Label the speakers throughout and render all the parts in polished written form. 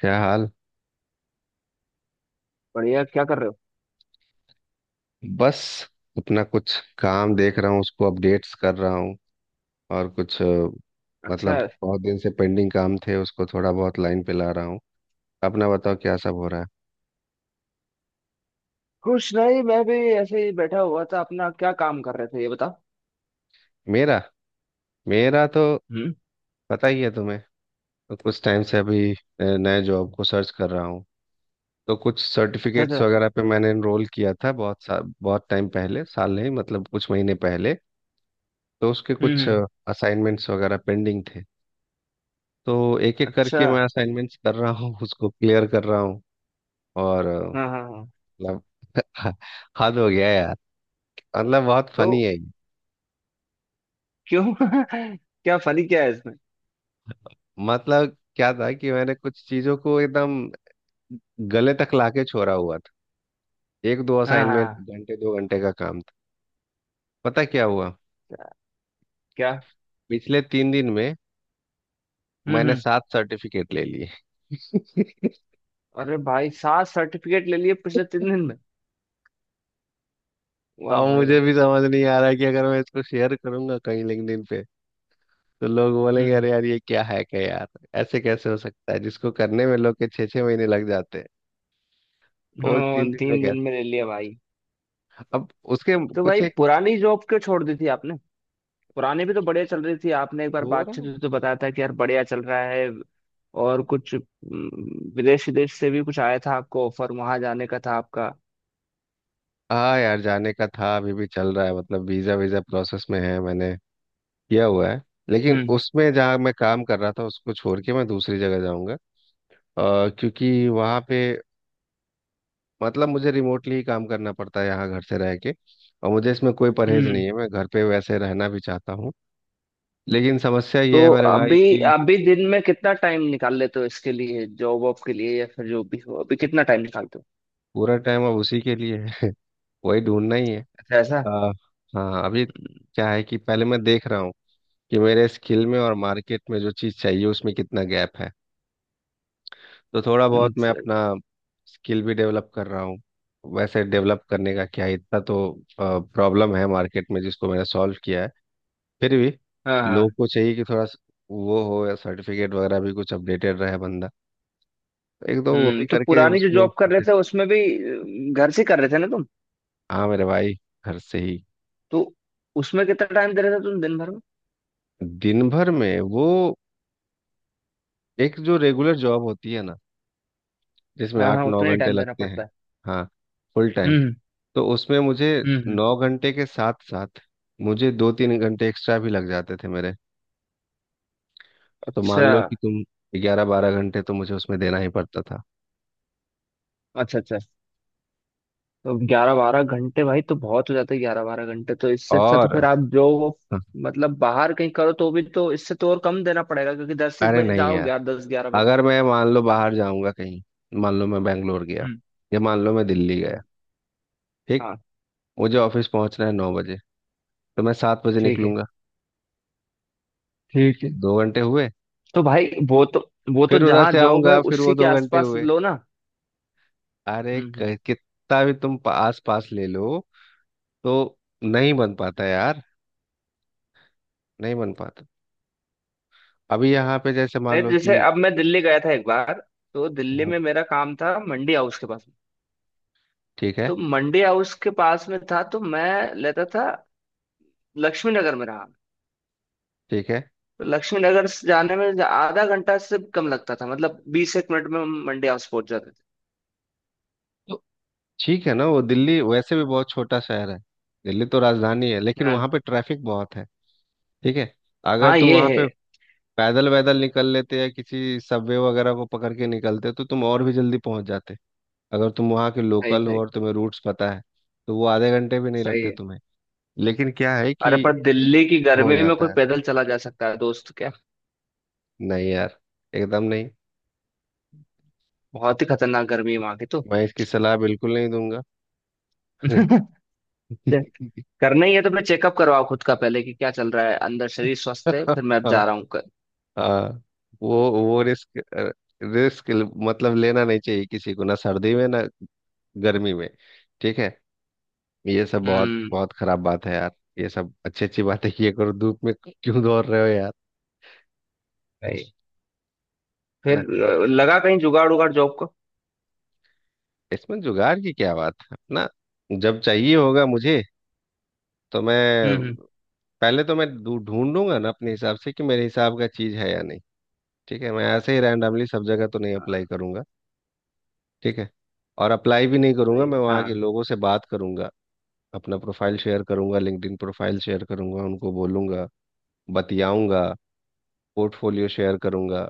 Speaker 1: क्या हाल।
Speaker 2: बढ़िया। क्या कर रहे हो?
Speaker 1: बस, अपना कुछ काम देख रहा हूँ, उसको अपडेट्स कर रहा हूँ। और कुछ
Speaker 2: अच्छा।
Speaker 1: मतलब बहुत दिन से पेंडिंग काम थे, उसको थोड़ा बहुत लाइन पे ला रहा हूँ। अपना बताओ, क्या सब हो रहा है?
Speaker 2: कुछ नहीं, मैं भी ऐसे ही बैठा हुआ था। अपना क्या काम कर रहे थे ये बताओ।
Speaker 1: मेरा मेरा तो
Speaker 2: हम्म।
Speaker 1: पता ही है तुम्हें। तो कुछ टाइम से अभी नए जॉब को सर्च कर रहा हूँ। तो कुछ
Speaker 2: अच्छा
Speaker 1: सर्टिफिकेट्स
Speaker 2: अच्छा।
Speaker 1: वगैरह पे मैंने एनरोल किया था, बहुत टाइम पहले, साल नहीं मतलब कुछ महीने पहले। तो उसके
Speaker 2: हम्म
Speaker 1: कुछ
Speaker 2: हम्म,
Speaker 1: असाइनमेंट्स वगैरह पेंडिंग थे। तो एक एक
Speaker 2: अच्छा।
Speaker 1: करके मैं असाइनमेंट्स कर रहा हूँ, उसको क्लियर कर रहा हूँ। और
Speaker 2: हाँ हाँ हाँ।
Speaker 1: मतलब हद हो गया यार। मतलब बहुत
Speaker 2: तो
Speaker 1: फनी है ये।
Speaker 2: क्यों क्या फनी क्या है इसमें?
Speaker 1: मतलब क्या था कि मैंने कुछ चीज़ों को एकदम गले तक लाके छोड़ा हुआ था। एक दो
Speaker 2: हाँ
Speaker 1: असाइनमेंट
Speaker 2: हाँ।
Speaker 1: घंटे 2 घंटे का काम था। पता क्या हुआ?
Speaker 2: क्या?
Speaker 1: पिछले 3 दिन में मैंने
Speaker 2: हम्म।
Speaker 1: सात सर्टिफिकेट ले लिए।
Speaker 2: अरे भाई, सात सर्टिफिकेट ले लिए पिछले 3 दिन में। वाह
Speaker 1: और
Speaker 2: भाई वाह।
Speaker 1: मुझे भी समझ नहीं आ रहा है कि अगर मैं इसको शेयर करूंगा कहीं लिंक्डइन पे, तो लोग बोलेंगे
Speaker 2: हम्म।
Speaker 1: अरे यार ये क्या हैक है यार। ऐसे कैसे हो सकता है, जिसको करने में लोग के छः छः महीने लग जाते हैं वो
Speaker 2: हाँ,
Speaker 1: तीन दिन में
Speaker 2: 3 दिन
Speaker 1: कैसे
Speaker 2: में ले लिया भाई।
Speaker 1: अब उसके
Speaker 2: तो
Speaker 1: कुछ
Speaker 2: भाई,
Speaker 1: एक
Speaker 2: पुरानी जॉब क्यों छोड़ दी थी आपने? पुराने भी तो बढ़िया चल रही थी, आपने एक बार
Speaker 1: हो रहा
Speaker 2: बातचीत
Speaker 1: है।
Speaker 2: में तो बताया था कि यार बढ़िया चल रहा है। और कुछ विदेश विदेश से भी कुछ आया था आपको, ऑफर वहां जाने का था आपका।
Speaker 1: हाँ यार, जाने का था, अभी भी चल रहा है। मतलब वीज़ा वीज़ा प्रोसेस में है, मैंने किया हुआ है। लेकिन
Speaker 2: हम्म
Speaker 1: उसमें जहाँ मैं काम कर रहा था, उसको छोड़ के मैं दूसरी जगह जाऊँगा। क्योंकि वहाँ पे मतलब मुझे रिमोटली ही काम करना पड़ता है, यहाँ घर से रह के। और मुझे इसमें कोई परहेज
Speaker 2: हम्म।
Speaker 1: नहीं है, मैं घर पे वैसे रहना भी चाहता हूँ। लेकिन समस्या
Speaker 2: तो
Speaker 1: ये है मेरे भाई
Speaker 2: अभी
Speaker 1: कि
Speaker 2: अभी दिन में कितना टाइम निकाल लेते हो इसके लिए, जॉब वॉब के लिए या फिर जो भी हो, अभी कितना टाइम निकालते हो?
Speaker 1: पूरा टाइम अब उसी के लिए है। वही ढूंढना ही है।
Speaker 2: अच्छा ऐसा।
Speaker 1: आ, हाँ, अभी क्या है कि पहले मैं देख रहा हूँ कि मेरे स्किल में और मार्केट में जो चीज़ चाहिए उसमें कितना गैप है। तो थोड़ा बहुत मैं अपना
Speaker 2: सही।
Speaker 1: स्किल भी डेवलप कर रहा हूँ। वैसे डेवलप करने का क्या है, इतना तो प्रॉब्लम है मार्केट में जिसको मैंने सॉल्व किया है। फिर भी
Speaker 2: हाँ हाँ।
Speaker 1: लोग को चाहिए कि थोड़ा वो हो, या सर्टिफिकेट वगैरह भी कुछ अपडेटेड रहे बंदा। तो एक दो वो भी
Speaker 2: तो
Speaker 1: करके
Speaker 2: पुरानी जो
Speaker 1: उसको।
Speaker 2: जॉब कर रहे थे उसमें भी घर से कर रहे थे ना तुम?
Speaker 1: हाँ मेरे भाई, घर से ही।
Speaker 2: तो उसमें कितना टाइम दे रहे थे तुम दिन भर में?
Speaker 1: दिन भर में वो एक जो रेगुलर जॉब होती है ना, जिसमें
Speaker 2: हाँ
Speaker 1: आठ
Speaker 2: हाँ,
Speaker 1: नौ
Speaker 2: उतना ही
Speaker 1: घंटे
Speaker 2: टाइम देना
Speaker 1: लगते हैं।
Speaker 2: पड़ता है।
Speaker 1: हाँ, फुल टाइम।
Speaker 2: हम्म
Speaker 1: तो उसमें मुझे
Speaker 2: हम्म।
Speaker 1: 9 घंटे के साथ साथ मुझे 2-3 घंटे एक्स्ट्रा भी लग जाते थे मेरे। तो मान
Speaker 2: अच्छा।
Speaker 1: लो कि तुम 11-12 घंटे तो मुझे उसमें देना ही पड़ता था।
Speaker 2: अच्छा अच्छा। तो 11-12 घंटे भाई तो बहुत हो जाता है, 11-12 घंटे तो इससे अच्छा तो
Speaker 1: और
Speaker 2: फिर आप जो मतलब बाहर कहीं करो तो भी तो इससे तो और कम देना पड़ेगा, क्योंकि दस एक
Speaker 1: अरे
Speaker 2: बजे
Speaker 1: नहीं
Speaker 2: जाओ,
Speaker 1: यार।
Speaker 2: ग्यारह दस ग्यारह बजे।
Speaker 1: अगर मैं मान लो बाहर जाऊंगा कहीं, मान लो मैं बैंगलोर गया,
Speaker 2: हम्म
Speaker 1: या मान लो मैं दिल्ली
Speaker 2: हम्म।
Speaker 1: गया। ठीक।
Speaker 2: हाँ।
Speaker 1: मुझे ऑफिस पहुंचना है 9 बजे। तो मैं 7 बजे
Speaker 2: ठीक है
Speaker 1: निकलूंगा।
Speaker 2: ठीक है।
Speaker 1: 2 घंटे हुए।
Speaker 2: तो भाई वो तो
Speaker 1: फिर उधर
Speaker 2: जहाँ
Speaker 1: से
Speaker 2: जॉब है
Speaker 1: आऊंगा फिर वो
Speaker 2: उसी के
Speaker 1: 2 घंटे
Speaker 2: आसपास
Speaker 1: हुए।
Speaker 2: लो ना।
Speaker 1: अरे
Speaker 2: हम्म हम्म
Speaker 1: कितना भी तुम आस पास ले लो, तो
Speaker 2: हम्म।
Speaker 1: नहीं बन पाता यार। नहीं बन पाता। अभी यहाँ पे जैसे मान
Speaker 2: नहीं तो
Speaker 1: लो
Speaker 2: जैसे
Speaker 1: कि,
Speaker 2: अब मैं दिल्ली गया था एक बार। तो दिल्ली
Speaker 1: हम्म,
Speaker 2: में मेरा काम था मंडी हाउस के पास में।
Speaker 1: ठीक है,
Speaker 2: तो मंडी हाउस के पास में था तो मैं लेता था, लक्ष्मी नगर में रहा।
Speaker 1: ठीक है।
Speaker 2: लक्ष्मी नगर से जाने में आधा घंटा से कम लगता था, मतलब बीस एक मिनट में हम मंडी हाउस पहुंच जाते थे।
Speaker 1: तो ठीक है ना, वो दिल्ली वैसे भी बहुत छोटा शहर है। दिल्ली तो राजधानी है लेकिन
Speaker 2: हाँ
Speaker 1: वहाँ पे ट्रैफिक बहुत है। ठीक है। अगर
Speaker 2: हाँ,
Speaker 1: तुम
Speaker 2: ये
Speaker 1: वहाँ
Speaker 2: है।
Speaker 1: पे पैदल वैदल निकल लेते या किसी सबवे वगैरह को पकड़ के निकलते तो तुम और भी जल्दी पहुंच जाते। अगर तुम वहाँ के
Speaker 2: सही
Speaker 1: लोकल हो
Speaker 2: सही।
Speaker 1: और तुम्हें रूट्स पता है तो वो आधे घंटे भी नहीं
Speaker 2: सही
Speaker 1: लगते
Speaker 2: है।
Speaker 1: तुम्हें। लेकिन क्या है
Speaker 2: अरे,
Speaker 1: कि
Speaker 2: पर दिल्ली की
Speaker 1: हो
Speaker 2: गर्मी में कोई
Speaker 1: जाता है।
Speaker 2: पैदल चला जा सकता है दोस्त क्या?
Speaker 1: नहीं यार, एकदम नहीं।
Speaker 2: बहुत ही खतरनाक गर्मी है वहां की तो।
Speaker 1: मैं इसकी सलाह बिल्कुल नहीं दूंगा।
Speaker 2: करना ही है तो अपने चेकअप करवाओ खुद का पहले कि क्या चल रहा है अंदर, शरीर स्वस्थ है
Speaker 1: हाँ
Speaker 2: फिर मैं अब जा रहा हूँ कर।
Speaker 1: हाँ, वो रिस्क, रिस्क मतलब लेना नहीं चाहिए किसी को, ना सर्दी में ना गर्मी में। ठीक है। ये सब बहुत
Speaker 2: हम्म।
Speaker 1: बहुत खराब बात है यार। ये सब अच्छी अच्छी बातें किए करो, धूप में क्यों दौड़ रहे हो यार।
Speaker 2: सही। फिर
Speaker 1: ना,
Speaker 2: लगा कहीं जुगाड़ उगाड़ जॉब को?
Speaker 1: इसमें जुगाड़ की क्या बात है ना। जब चाहिए होगा मुझे, तो मैं
Speaker 2: हम्म।
Speaker 1: पहले तो मैं ढूंढूंगा ना अपने हिसाब से कि मेरे हिसाब का चीज है या नहीं। ठीक है, मैं ऐसे ही रैंडमली सब जगह तो नहीं
Speaker 2: हाँ,
Speaker 1: अप्लाई करूंगा। ठीक है। और अप्लाई भी नहीं करूंगा,
Speaker 2: सही।
Speaker 1: मैं वहाँ
Speaker 2: हाँ,
Speaker 1: के लोगों से बात करूंगा। अपना प्रोफाइल शेयर करूंगा, लिंक्डइन प्रोफाइल शेयर करूंगा, उनको बोलूंगा, बतियाऊंगा, पोर्टफोलियो शेयर करूंगा।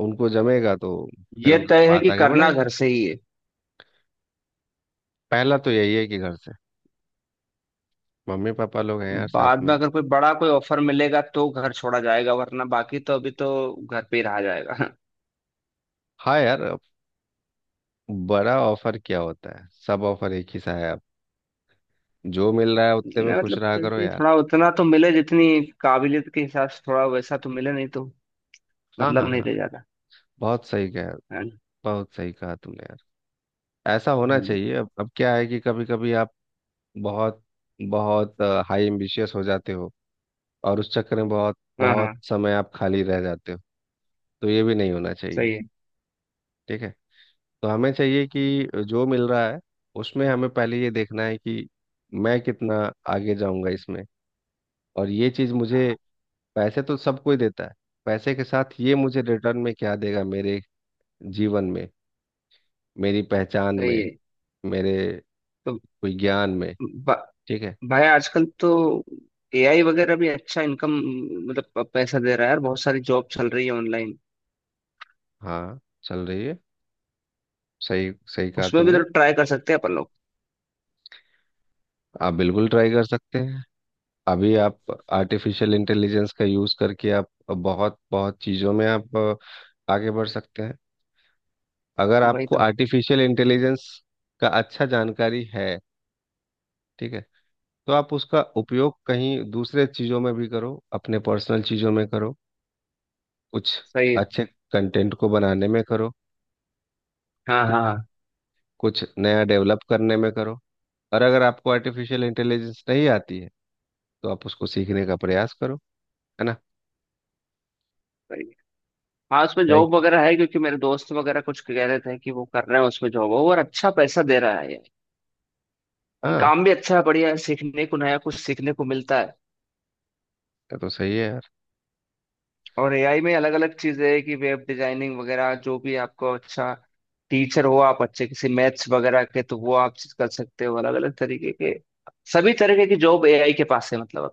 Speaker 1: उनको जमेगा तो फिर
Speaker 2: ये
Speaker 1: हम लोग
Speaker 2: तय है
Speaker 1: बात
Speaker 2: कि
Speaker 1: आगे
Speaker 2: करना
Speaker 1: बढ़ाएंगे।
Speaker 2: घर से ही है।
Speaker 1: पहला तो यही है कि घर से। मम्मी पापा लोग हैं यार साथ
Speaker 2: बाद
Speaker 1: में।
Speaker 2: में अगर कोई बड़ा कोई ऑफर मिलेगा तो घर छोड़ा जाएगा, वरना बाकी तो अभी तो घर पे ही रहा जाएगा।
Speaker 1: हाँ यार, अब बड़ा ऑफर क्या होता है, सब ऑफर एक ही सा है अब। जो मिल रहा है उतने
Speaker 2: नहीं,
Speaker 1: में खुश
Speaker 2: मतलब
Speaker 1: रहा
Speaker 2: फिर
Speaker 1: करो
Speaker 2: भी
Speaker 1: यार।
Speaker 2: थोड़ा उतना तो मिले, जितनी काबिलियत के हिसाब से थोड़ा वैसा तो मिले, नहीं तो
Speaker 1: हाँ हाँ
Speaker 2: मतलब नहीं
Speaker 1: हाँ,
Speaker 2: रह जाता।
Speaker 1: बहुत सही कहा।
Speaker 2: है ना?
Speaker 1: बहुत सही कहा तुमने यार। ऐसा होना
Speaker 2: हम्म,
Speaker 1: चाहिए। अब क्या है कि कभी कभी आप बहुत बहुत हाई एम्बिशियस हो जाते हो, और उस चक्कर में बहुत
Speaker 2: हाँ हाँ।
Speaker 1: बहुत समय आप खाली रह जाते हो। तो ये भी नहीं होना चाहिए।
Speaker 2: सही है।
Speaker 1: ठीक है। तो हमें चाहिए कि जो मिल रहा है उसमें हमें पहले ये देखना है कि मैं कितना आगे जाऊंगा इसमें, और ये चीज़ मुझे।
Speaker 2: हाँ,
Speaker 1: पैसे तो सब कोई देता है। पैसे के साथ ये मुझे रिटर्न में क्या देगा, मेरे जीवन में, मेरी पहचान
Speaker 2: सही
Speaker 1: में,
Speaker 2: है।
Speaker 1: मेरे
Speaker 2: तो
Speaker 1: कोई ज्ञान में।
Speaker 2: ब-
Speaker 1: ठीक है।
Speaker 2: भाई आजकल तो एआई वगैरह भी अच्छा इनकम, मतलब पैसा दे रहा है यार, बहुत सारी जॉब चल रही है ऑनलाइन।
Speaker 1: हाँ, चल रही है, सही सही कहा
Speaker 2: उसमें भी
Speaker 1: तुमने।
Speaker 2: तो ट्राई कर सकते हैं अपन लोग।
Speaker 1: आप बिल्कुल ट्राई कर सकते हैं। अभी आप आर्टिफिशियल इंटेलिजेंस का यूज़ करके आप बहुत बहुत चीज़ों में आप आगे बढ़ सकते हैं। अगर
Speaker 2: वही
Speaker 1: आपको
Speaker 2: तो।
Speaker 1: आर्टिफिशियल इंटेलिजेंस का अच्छा जानकारी है, ठीक है, तो आप उसका उपयोग कहीं दूसरे चीज़ों में भी करो, अपने पर्सनल चीज़ों में करो, कुछ
Speaker 2: सही है।
Speaker 1: अच्छे कंटेंट को बनाने में करो।
Speaker 2: हाँ
Speaker 1: ठीक
Speaker 2: हाँ
Speaker 1: है।
Speaker 2: हाँ,
Speaker 1: कुछ नया डेवलप करने में करो। और अगर आपको आर्टिफिशियल इंटेलिजेंस नहीं आती है तो आप उसको सीखने का प्रयास करो, है ना।
Speaker 2: सही है। हाँ, उसमें
Speaker 1: ट्राई।
Speaker 2: जॉब वगैरह है क्योंकि मेरे दोस्त वगैरह कुछ कह रहे थे कि वो कर रहे हैं उसमें जॉब और अच्छा पैसा दे रहा है यार।
Speaker 1: हाँ,
Speaker 2: काम भी अच्छा है, बढ़िया है, सीखने को नया कुछ सीखने को मिलता है।
Speaker 1: ये तो सही है यार।
Speaker 2: और एआई में अलग अलग चीजें है कि वेब डिजाइनिंग वगैरह जो भी आपको अच्छा टीचर हो आप, अच्छे किसी मैथ्स वगैरह के तो वो आप कर सकते हो, अलग अलग तरीके के। सभी तरीके की जॉब एआई के पास है मतलब।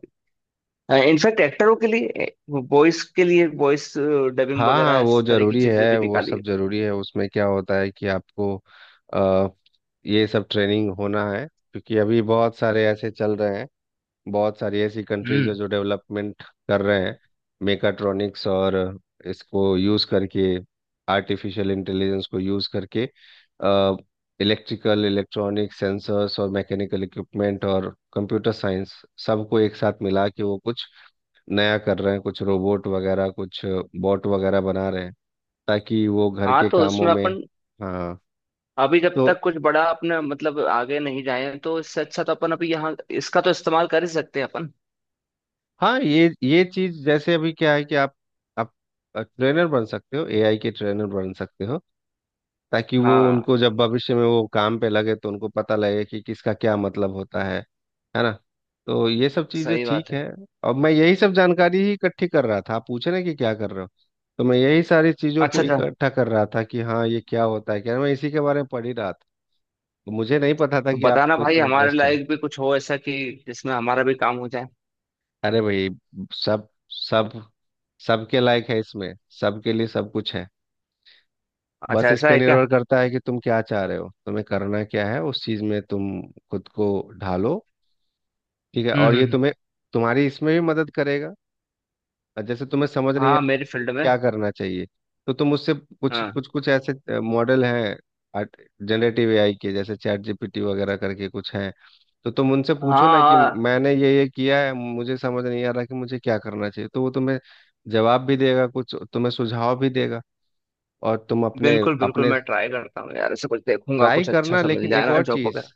Speaker 2: अभी इनफैक्ट एक्टरों के लिए, वॉइस के लिए, वॉइस डबिंग
Speaker 1: हाँ हाँ,
Speaker 2: वगैरह
Speaker 1: वो
Speaker 2: इस तरह की
Speaker 1: जरूरी
Speaker 2: चीजें
Speaker 1: है,
Speaker 2: भी
Speaker 1: वो
Speaker 2: निकाली
Speaker 1: सब
Speaker 2: है।
Speaker 1: जरूरी है। उसमें क्या होता है कि आपको अ, ये सब ट्रेनिंग होना है क्योंकि अभी बहुत सारे ऐसे चल रहे हैं। बहुत सारी ऐसी कंट्रीज है
Speaker 2: हम्म।
Speaker 1: जो डेवलपमेंट कर रहे हैं। मेकाट्रॉनिक्स, और इसको यूज करके, आर्टिफिशियल इंटेलिजेंस को यूज करके, इलेक्ट्रिकल इलेक्ट्रॉनिक सेंसर्स और मैकेनिकल इक्विपमेंट और कंप्यूटर साइंस सबको एक साथ मिला के वो कुछ नया कर रहे हैं, कुछ रोबोट वगैरह कुछ बॉट वगैरह बना रहे हैं, ताकि वो घर
Speaker 2: हाँ
Speaker 1: के
Speaker 2: तो
Speaker 1: कामों
Speaker 2: उसमें
Speaker 1: में।
Speaker 2: अपन
Speaker 1: हाँ,
Speaker 2: अभी जब
Speaker 1: तो
Speaker 2: तक कुछ बड़ा अपने मतलब आगे नहीं जाए, तो इससे अच्छा तो अपन अभी यहाँ इसका तो इस्तेमाल कर ही सकते हैं अपन।
Speaker 1: हाँ, ये चीज जैसे अभी क्या है कि आप ट्रेनर बन सकते हो, एआई के ट्रेनर बन सकते हो। ताकि वो
Speaker 2: हाँ।
Speaker 1: उनको जब भविष्य में वो काम पे लगे तो उनको पता लगे कि किसका क्या मतलब होता है ना। तो ये सब चीजें
Speaker 2: सही
Speaker 1: ठीक
Speaker 2: बात है।
Speaker 1: है। अब मैं यही सब जानकारी ही इकट्ठी कर रहा था। आप पूछ रहे हैं कि क्या कर रहे हो, तो मैं यही सारी चीजों को
Speaker 2: अच्छा अच्छा।
Speaker 1: इकट्ठा कर रहा था कि हाँ ये क्या होता है, क्या मैं इसी के बारे में पढ़ ही रहा था। तो मुझे नहीं पता था
Speaker 2: तो
Speaker 1: कि
Speaker 2: बताना
Speaker 1: आपको
Speaker 2: भाई
Speaker 1: इसमें
Speaker 2: हमारे
Speaker 1: इंटरेस्ट है।
Speaker 2: लायक भी कुछ हो ऐसा कि जिसमें हमारा भी काम हो जाए।
Speaker 1: अरे भाई, सब सब सबके लायक है इसमें। सबके लिए सब कुछ है।
Speaker 2: अच्छा
Speaker 1: बस इस
Speaker 2: ऐसा
Speaker 1: पे
Speaker 2: है क्या?
Speaker 1: निर्भर करता है कि तुम क्या चाह रहे हो, तुम्हें करना क्या है, उस चीज में तुम खुद को ढालो। ठीक है।
Speaker 2: हम्म
Speaker 1: और
Speaker 2: हम्म
Speaker 1: ये
Speaker 2: हम्म।
Speaker 1: तुम्हें, तुम्हारी इसमें भी मदद करेगा। और जैसे तुम्हें समझ नहीं
Speaker 2: हाँ,
Speaker 1: आता
Speaker 2: मेरी फील्ड में।
Speaker 1: क्या करना चाहिए, तो तुम उससे कुछ
Speaker 2: हाँ।
Speaker 1: कुछ कुछ ऐसे मॉडल हैं जनरेटिव एआई के, जैसे चैट जीपीटी वगैरह करके कुछ हैं। तो तुम उनसे पूछो
Speaker 2: हाँ
Speaker 1: ना कि
Speaker 2: हाँ।
Speaker 1: मैंने ये किया है, मुझे समझ नहीं आ रहा कि मुझे क्या करना चाहिए, तो वो तुम्हें जवाब भी देगा, कुछ तुम्हें सुझाव भी देगा। और तुम अपने
Speaker 2: बिल्कुल बिल्कुल,
Speaker 1: अपने
Speaker 2: मैं ट्राई करता हूँ यार, ऐसे कुछ देखूंगा
Speaker 1: ट्राई
Speaker 2: कुछ अच्छा
Speaker 1: करना।
Speaker 2: सा मिल
Speaker 1: लेकिन
Speaker 2: जाए
Speaker 1: एक
Speaker 2: ना
Speaker 1: और
Speaker 2: जॉब
Speaker 1: चीज,
Speaker 2: वगैरह।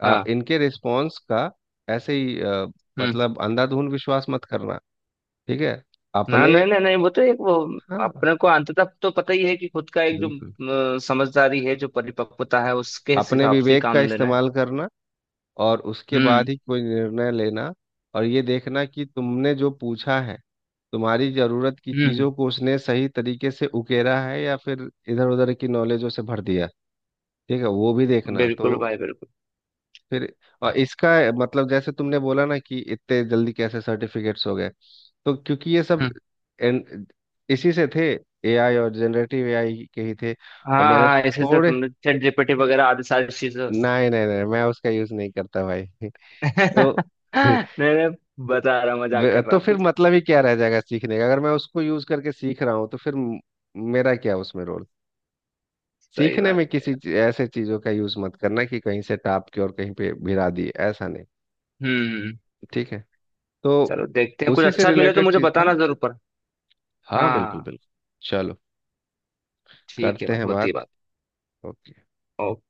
Speaker 2: हाँ।
Speaker 1: इनके रिस्पॉन्स का ऐसे ही
Speaker 2: हम्म।
Speaker 1: मतलब अंधाधुंध विश्वास मत करना। ठीक है।
Speaker 2: हाँ,
Speaker 1: अपने
Speaker 2: नहीं नहीं नहीं, वो तो एक वो
Speaker 1: हाँ,
Speaker 2: अपने को अंततः तो पता ही है कि खुद का एक जो
Speaker 1: बिल्कुल,
Speaker 2: समझदारी है जो परिपक्वता है उसके
Speaker 1: अपने
Speaker 2: हिसाब से ही
Speaker 1: विवेक का
Speaker 2: काम लेना है।
Speaker 1: इस्तेमाल करना और उसके बाद
Speaker 2: हम्म।
Speaker 1: ही कोई निर्णय लेना। और ये देखना कि तुमने जो पूछा है, तुम्हारी जरूरत की
Speaker 2: हम्म।
Speaker 1: चीजों को उसने सही तरीके से उकेरा है या फिर इधर उधर की नॉलेजों से भर दिया। ठीक है, वो भी देखना। तो
Speaker 2: बिल्कुल भाई बिल्कुल।
Speaker 1: फिर, और इसका मतलब, जैसे तुमने बोला ना कि इतने जल्दी कैसे सर्टिफिकेट्स हो गए, तो क्योंकि ये सब
Speaker 2: हम्म।
Speaker 1: एन- इसी से थे। एआई और जनरेटिव एआई के ही थे।
Speaker 2: हाँ
Speaker 1: और मैंने
Speaker 2: हाँ, इसी से
Speaker 1: थोड़े,
Speaker 2: तुमने चैट जीपीटी वगैरह आदि सारी चीजों।
Speaker 1: नहीं नहीं नहीं, मैं उसका यूज नहीं करता भाई। तो
Speaker 2: नहीं नहीं बता रहा हूँ, मजाक कर रहा
Speaker 1: तो फिर
Speaker 2: हूँ।
Speaker 1: मतलब ही क्या रह जाएगा सीखने का, अगर मैं उसको यूज करके सीख रहा हूँ, तो फिर मेरा क्या उसमें रोल।
Speaker 2: सही
Speaker 1: सीखने
Speaker 2: बात
Speaker 1: में
Speaker 2: है
Speaker 1: किसी
Speaker 2: यार।
Speaker 1: ऐसे चीजों का यूज मत करना कि कहीं से टाप के और कहीं पे भिरा दिए, ऐसा नहीं।
Speaker 2: हम्म।
Speaker 1: ठीक है। तो
Speaker 2: चलो देखते हैं कुछ
Speaker 1: उसी से
Speaker 2: अच्छा मिले तो
Speaker 1: रिलेटेड
Speaker 2: मुझे
Speaker 1: चीज था।
Speaker 2: बताना जरूर पर।
Speaker 1: हाँ बिल्कुल
Speaker 2: हाँ।
Speaker 1: बिल्कुल। चलो,
Speaker 2: ठीक है
Speaker 1: करते
Speaker 2: भाई,
Speaker 1: हैं
Speaker 2: होती
Speaker 1: बात।
Speaker 2: है
Speaker 1: ओके।
Speaker 2: बात।